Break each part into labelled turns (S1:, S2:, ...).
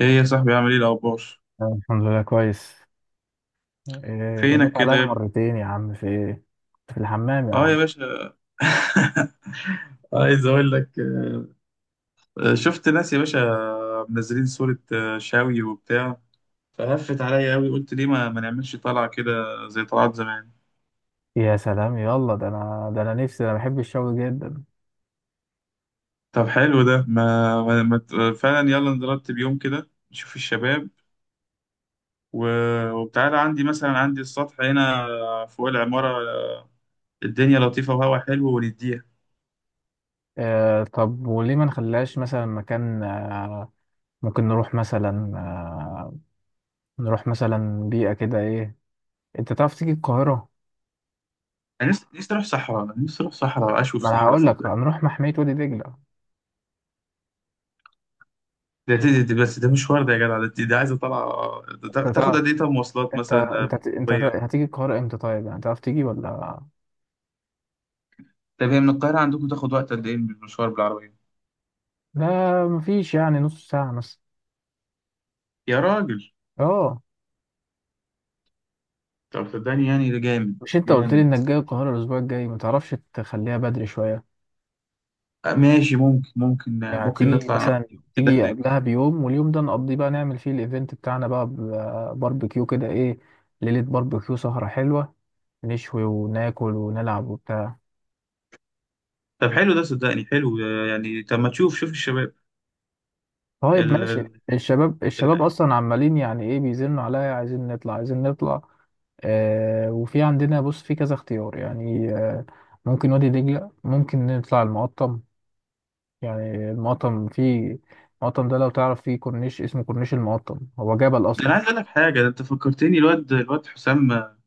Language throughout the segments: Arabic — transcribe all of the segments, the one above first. S1: ايه يا صاحبي، عامل ايه الاخبار؟
S2: أنا الحمد لله كويس. إيه،
S1: فينك
S2: رنيت عليا
S1: كده يا ابني؟
S2: مرتين يا عم، في ايه؟ في الحمام يا
S1: اه يا
S2: عم.
S1: باشا. عايز اقول لك. شفت ناس يا باشا، منزلين صورة، شاوي وبتاع. فهفت عليا قوي، قلت ليه ما نعملش طلعة كده؟ زي طلعات زمان.
S2: يا سلام، يلا، ده انا نفسي، انا بحب الشوي جدا.
S1: طب حلو ده. ما, ما, ما ت- فعلا، يلا نرتب يوم كده نشوف الشباب. و... وبتعالى عندي، مثلا عندي السطح هنا فوق العمارة، الدنيا لطيفة وهوا حلو ونديها.
S2: إيه، طب وليه ما نخليهاش مثلا مكان، ممكن نروح مثلا، نروح مثلا بيئة كده، ايه، انت تعرف تيجي القاهرة؟
S1: انا نفسي نفسي اروح صحراء، نفسي اروح صحراء، اشوف
S2: ما انا
S1: صحراء.
S2: هقول لك، هنروح محمية وادي دجلة.
S1: ده دي بس، ده مشوار، ده يا جدع، ده دي عايزه طالعه، ده
S2: انت
S1: تاخد
S2: تعرف،
S1: قد ايه؟ طب مواصلات
S2: انت
S1: مثلا،
S2: انت انت
S1: بالعربيه.
S2: هتيجي القاهرة امتى؟ طيب يعني تعرف تيجي ولا؟
S1: طب هي من القاهره عندكم تاخد وقت قد ايه بالمشوار، بالعربيه؟
S2: لا، مفيش، يعني نص ساعة مثلا.
S1: يا راجل.
S2: اه،
S1: طب صدقني يعني ده جامد.
S2: مش انت قلت لي
S1: جامد.
S2: انك جاي القاهرة الاسبوع الجاي؟ ما تعرفش تخليها بدري شوية؟
S1: ماشي، ممكن،
S2: يعني
S1: ممكن
S2: تيجي
S1: نطلع نقضي
S2: مثلا،
S1: يوم كده
S2: تيجي
S1: هناك.
S2: قبلها بيوم، واليوم ده نقضيه بقى، نعمل فيه الايفنت بتاعنا بقى، باربيكيو كده، ايه، ليلة باربيكيو، سهرة حلوة، نشوي وناكل ونلعب وبتاع.
S1: طب حلو ده، صدقني حلو، يعني. طب ما تشوف شوف الشباب.
S2: طيب
S1: ال...
S2: ماشي.
S1: ال...
S2: الشباب
S1: ال...
S2: اصلا عمالين يعني ايه، بيزنوا عليا، عايزين نطلع، عايزين نطلع. آه، وفي عندنا، بص، في كذا اختيار يعني. آه، ممكن وادي دجلة، ممكن نطلع المقطم. يعني المقطم فيه، المقطم ده لو تعرف فيه كورنيش، اسمه كورنيش المقطم، هو جبل
S1: ده انا
S2: اصلا.
S1: عايز اقول لك حاجه، ده انت فكرتني، الواد حسام،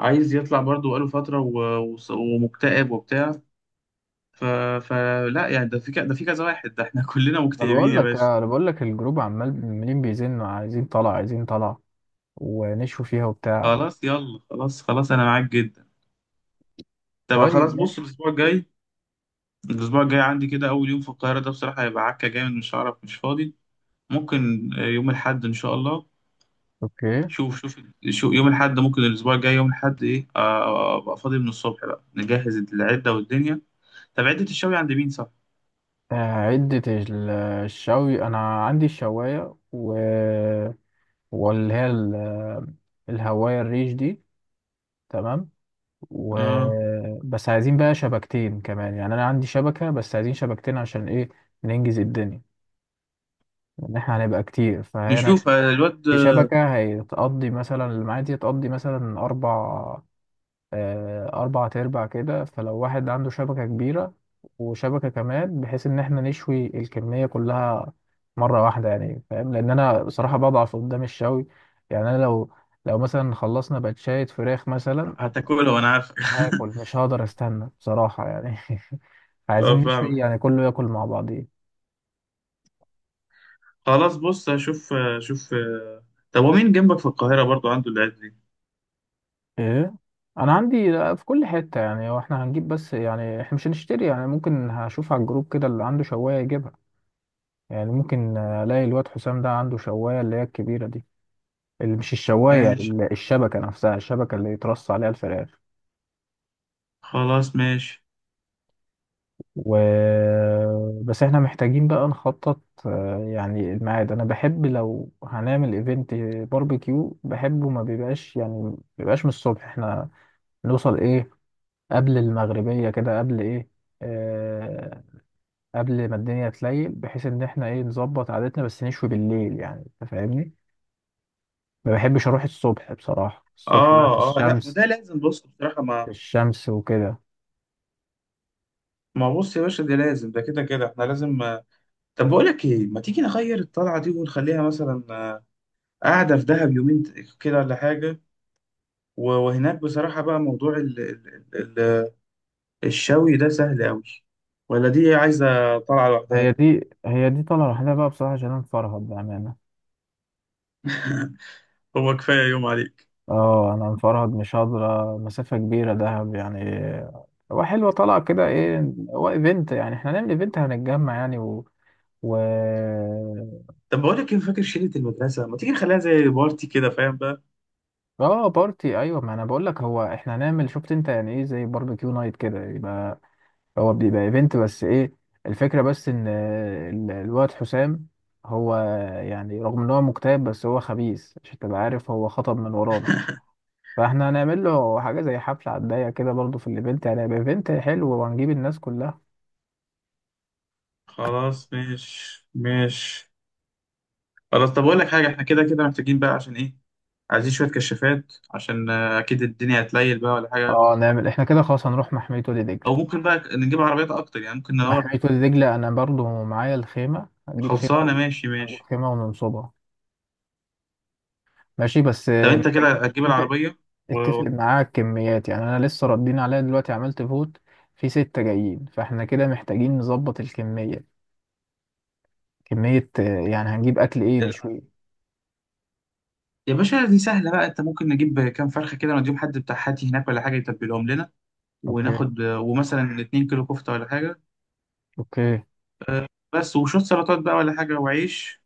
S1: عايز يطلع برضه، بقاله فتره، ومكتئب وبتاع. ف... فلا يعني، ده في كذا واحد، ده احنا كلنا
S2: انا
S1: مكتئبين
S2: بقول
S1: يا
S2: لك
S1: باشا.
S2: انا بقول لك الجروب عمال، عمالين بيزنوا، عايزين طلع، عايزين طلع، ونشوا فيها وبتاع.
S1: خلاص يلا، خلاص، انا معاك جدا. طب خلاص،
S2: طيب
S1: بص.
S2: ماشي.
S1: الاسبوع الجاي، الاسبوع الجاي عندي كده اول يوم في القاهرة ده بصراحة هيبقى عكة جامد، مش هعرف، مش فاضي. ممكن يوم الاحد ان شاء الله.
S2: اوكي.
S1: شوف شوف. شوف يوم الاحد، ممكن الاسبوع الجاي يوم الاحد ايه، ابقى فاضي من الصبح، بقى نجهز العدة والدنيا. طب عدة الشوي عند مين، صح؟
S2: آه، عدة الشوي انا عندي الشواية، و واللي هي الهواية الريش دي، تمام. و
S1: اه،
S2: بس عايزين بقى شبكتين كمان. يعني انا عندي شبكة، بس عايزين شبكتين عشان ايه؟ ننجز الدنيا، ان احنا هنبقى كتير فهنا.
S1: نشوف الواد،
S2: في شبكة هتقضي مثلا، المعاد دي هتقضي مثلا اربع، آه، اربع تربع كده. فلو واحد عنده شبكة كبيرة، وشبكة كمان، بحيث ان احنا نشوي الكمية كلها مرة واحدة. يعني فاهم، لان انا بصراحة بضعف قدام الشوي. يعني انا لو، لو مثلا خلصنا باتشاية فراخ مثلا،
S1: هتاكله وانا عارفك.
S2: هاكل، مش هقدر استنى بصراحة يعني.
S1: اه،
S2: عايزين نشوي
S1: فاهمك.
S2: يعني، كله ياكل مع بعضيه.
S1: خلاص بص، هشوف. شوف، طب ومين جنبك في القاهرة برضو عنده العيادة دي؟
S2: ايه، انا عندي في كل حتة. يعني هو احنا هنجيب، بس يعني احنا مش هنشتري، يعني ممكن هشوف على الجروب كده اللي عنده شواية يجيبها. يعني ممكن الاقي الواد حسام ده عنده شواية، اللي هي الكبيرة دي، اللي مش الشواية
S1: ماشي،
S2: الشبكة نفسها، الشبكة اللي يترص عليها الفراخ.
S1: خلاص ماشي.
S2: و بس احنا محتاجين بقى نخطط. آه، يعني الميعاد، انا بحب لو هنعمل ايفنت باربيكيو بحبه ما بيبقاش، يعني ما بيبقاش من الصبح. احنا نوصل ايه، قبل المغربية كده، قبل ايه، آه، قبل ما الدنيا تليل، بحيث ان احنا ايه، نظبط عادتنا بس نشوي بالليل، يعني انت فاهمني. ما بحبش اروح الصبح بصراحة، الصبح بقى في
S1: اه اه، لا، ما
S2: الشمس،
S1: ده لازم، بص بصراحة،
S2: في الشمس وكده.
S1: ما، بص يا باشا، ده لازم، ده كده كده احنا لازم. طب بقول لك ايه، ما تيجي نغير الطلعة دي ونخليها مثلا، قاعدة في دهب يومين كده ولا حاجة. وهناك بصراحة بقى موضوع ال... ال... الشوي ده سهل قوي، ولا دي عايزة طلعة لوحدها.
S2: هي دي طالعة لوحدها بقى بصراحة، عشان انا مفرهد بأمانة.
S1: هو كفاية يوم عليك.
S2: اه، انا مفرهد، مش قادرة مسافة كبيرة دهب يعني. هو حلوة طالعة كده، ايه، هو ايفنت يعني، احنا هنعمل ايفنت، هنتجمع يعني. و و
S1: طب بقول لك ايه، فاكر شلة المدرسة؟ ما تيجي نخليها زي بارتي كده، فاهم بقى؟
S2: اه بارتي، ايوه، ما انا بقول لك هو احنا هنعمل، شفت انت يعني ايه، زي باربيكيو نايت كده، يبقى هو بيبقى ايفنت، بس ايه، الفكرة بس ان آه، الواد حسام هو، يعني رغم ان هو مكتئب، بس هو خبيث، عشان تبقى عارف هو خطب من ورانا، فاحنا هنعمل له حاجة زي حفلة على الضيق كده برضه في الايفنت. يعني هيبقى ايفنت حلو وهنجيب الناس كلها.
S1: خلاص، مش مش خلاص. طب بقول لك حاجة، احنا كده كده محتاجين بقى، عشان ايه؟ عايزين شوية كشافات، عشان اكيد الدنيا هتليل بقى ولا حاجة.
S2: اه نعمل احنا كده خلاص، هنروح محمية وادي
S1: او
S2: دجلة.
S1: ممكن بقى نجيب عربيات اكتر، يعني ممكن ندور.
S2: محمية وادي دجلة انا برضه معايا الخيمة، هنجيب خيمة،
S1: خلصانة
S2: و...
S1: ماشي
S2: هنجيب
S1: ماشي.
S2: خيمة وننصبها. ماشي، بس
S1: طب
S2: آه،
S1: انت كده
S2: محتاجين
S1: هتجيب العربية؟
S2: اتفق
S1: و...
S2: معاك كميات. يعني انا لسه ردين عليا دلوقتي، عملت فوت، في ستة جايين، فاحنا كده محتاجين نظبط الكمية، كمية آه، يعني هنجيب اكل ايه
S1: ال-
S2: نشويه.
S1: يا باشا دي سهلة بقى، انت ممكن نجيب كام فرخة كده، نديهم حد بتاع حاتي هناك ولا حاجة يتبلهم لنا،
S2: اوكي،
S1: وناخد ومثلا 2 كيلو كفتة ولا حاجة،
S2: اوكي.
S1: آه، بس وشوية سلطات بقى ولا حاجة، وعيش.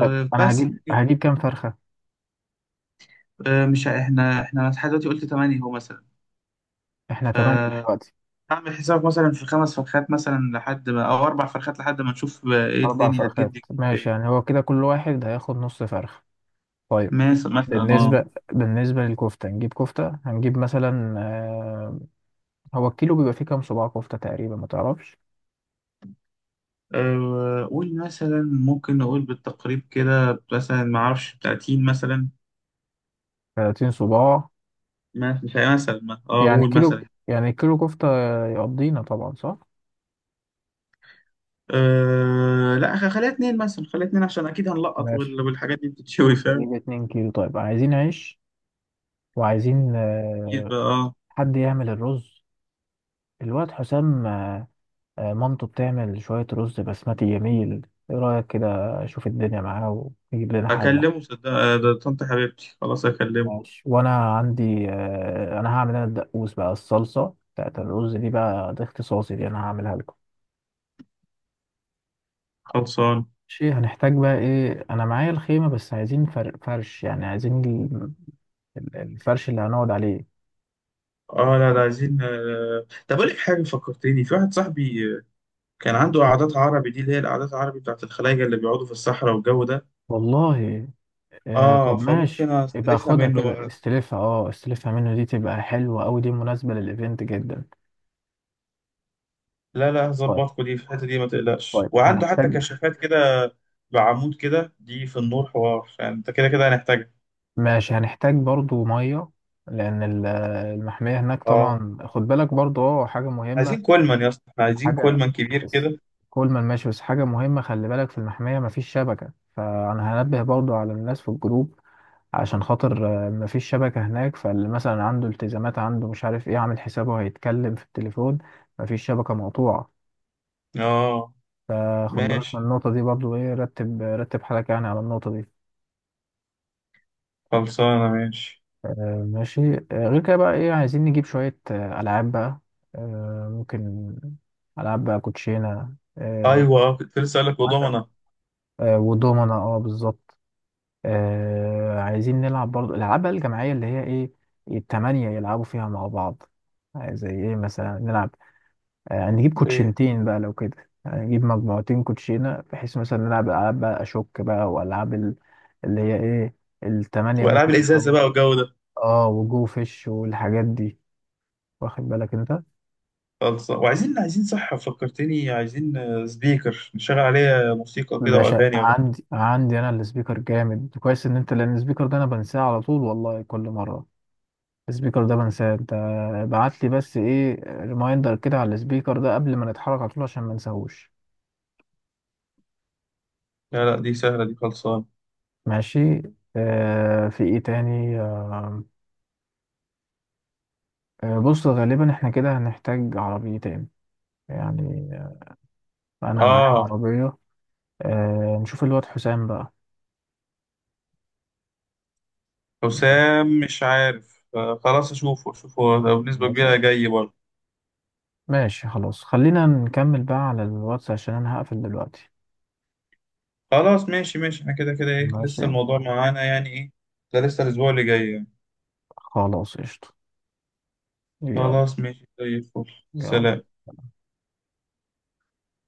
S2: طيب انا
S1: بس
S2: هجيب
S1: يعني.
S2: هجيب كام فرخة؟
S1: أه، مش ه- احنا لحد دلوقتي قلت تمانية هو مثلا.
S2: احنا تمانية
S1: فاعمل
S2: دلوقتي.
S1: حساب، مثلا في خمس فرخات مثلا لحد ما، او اربع فرخات لحد ما نشوف بقى ايه
S2: اربع
S1: الدنيا
S2: فرخات
S1: هتجد. في
S2: ماشي،
S1: ايه؟
S2: يعني هو كده كل واحد هياخد نص فرخة. طيب،
S1: مثلا اه،
S2: بالنسبة بالنسبة للكفتة هنجيب كفتة، هنجيب مثلا آه، هو الكيلو بيبقى فيه كام صباع كفتة تقريبا، ما تعرفش؟
S1: أه قول مثلا، ممكن نقول بالتقريب كده مثلا، ما اعرفش 30 مثلا،
S2: 30 صباع،
S1: مش عارف مثلا، اه
S2: يعني
S1: قول
S2: كيلو،
S1: مثلا.
S2: يعني كيلو كفتة يقضينا طبعا، صح؟
S1: أه لا، خليها اتنين مثلا، خليها اتنين عشان اكيد هنلقط،
S2: ماشي،
S1: والحاجات دي بتتشوي، فاهم.
S2: نجيب اتنين كيلو. طيب عايزين عيش، وعايزين
S1: اكيد
S2: آه،
S1: بقى، اه.
S2: حد يعمل الرز. الواد حسام، آه، آه، مامته بتعمل شوية رز بسمتي جميل، ايه رأيك كده؟ اشوف الدنيا معاه ويجيب لنا حلة.
S1: اكلمه صدق، ده طنط حبيبتي خلاص، اكلمه.
S2: ماشي. وانا عندي آه، انا هعمل انا الدقوس بقى، الصلصة بتاعت الرز دي بقى ده اختصاصي، دي انا هعملها لكم.
S1: خلصان.
S2: ماشي. هنحتاج بقى ايه؟ انا معايا الخيمة، بس عايزين فرش، يعني عايزين الفرش اللي هنقعد عليه.
S1: اه، لا لا، عايزين طب اقول لك حاجه، فكرتني في واحد صاحبي، كان عنده قعدات عربي دي، اللي هي القعدات العربي بتاعت الخلايجه اللي بيقعدوا في الصحراء والجو ده.
S2: والله آه، طب
S1: اه، فممكن
S2: ماشي، يبقى
S1: استلفها
S2: خدها
S1: منه
S2: كده،
S1: بقى.
S2: استلفها، اه استلفها منه، دي تبقى حلوة أوي، دي مناسبة للإيفنت جدا.
S1: لا لا،
S2: طيب،
S1: هظبطكوا دي في الحته دي، ما تقلقش،
S2: طيب
S1: وعنده حتى
S2: هنحتاج،
S1: كشافات كده بعمود كده، دي في النور حوار، فانت كده كده هنحتاجها.
S2: ماشي هنحتاج برضو مية، لأن المحمية هناك
S1: اه،
S2: طبعا. خد بالك برضو، اه حاجة مهمة،
S1: عايزين كولمان يا اسطى، احنا عايزين
S2: حاجة
S1: كولمان كبير
S2: بس،
S1: كده.
S2: كل ما ماشي، بس حاجة مهمة، خلي بالك في المحمية مفيش شبكة، فأنا هنبه برضو على الناس في الجروب، عشان خاطر آه، مفيش شبكة هناك، فاللي مثلا عنده التزامات، عنده مش عارف ايه، عامل حسابه هيتكلم في التليفون، مفيش شبكة، مقطوعة.
S1: اه
S2: فخد بالك من
S1: ماشي،
S2: النقطة دي برضو، ايه، رتب، رتب حالك يعني على النقطة دي.
S1: خلصانه ماشي.
S2: آه ماشي. آه، غير كده بقى ايه، عايزين نجيب شوية آه، ألعاب بقى. آه، ممكن ألعاب بقى، كوتشينة، آه،
S1: ايوه، كنت لسه اقول لك
S2: عندك،
S1: وضمنه،
S2: آه، ودومنا، اه بالظبط. آه، عايزين نلعب برضو الألعاب بقى الجماعية، اللي هي ايه، التمانية يلعبوا فيها مع بعض. آه، زي ايه مثلا، نلعب آه، نجيب
S1: ايه؟
S2: كوتشنتين بقى لو كده، يعني نجيب مجموعتين كوتشينة، بحيث مثلا نلعب ألعاب بقى أشوك بقى وألعاب اللي هي إيه، التمانية
S1: والعاب
S2: ممكن
S1: الازازه بقى
S2: نلعب.
S1: والجو ده.
S2: اه وجو فيش والحاجات دي، واخد بالك انت.
S1: خلص، وعايزين صح، فكرتني، عايزين سبيكر نشغل عليه موسيقى كده
S2: باشا
S1: واغاني ولا حاجه.
S2: عندي، عندي انا السبيكر جامد كويس، ان انت لان السبيكر ده انا بنساه على طول والله، كل مرة السبيكر ده بنساه انت، ابعت لي بس ايه ريمايندر كده على السبيكر ده قبل ما نتحرك على طول عشان ما نساهوش.
S1: لا لا، دي سهله دي، خلصان.
S2: ماشي. آه في ايه تاني؟ آه، آه، بص غالبا احنا كده هنحتاج عربيتين. يعني آه، انا معايا
S1: اه
S2: عربية، آه، نشوف الواد حسام بقى. ماشي،
S1: حسام مش عارف، خلاص اشوفه، اشوفه هو بنسبه
S2: ماشي،
S1: كبيره جاي برضه.
S2: ماشي خلاص، خلينا نكمل بقى على الواتس عشان انا هقفل دلوقتي.
S1: خلاص ماشي ماشي، احنا كده كده ايه،
S2: ماشي،
S1: لسه الموضوع معانا يعني، ايه ده لسه الاسبوع اللي جاي يعني.
S2: خلاص قشطة، يلا،
S1: خلاص ماشي، زي الفل.
S2: يلا.
S1: سلام.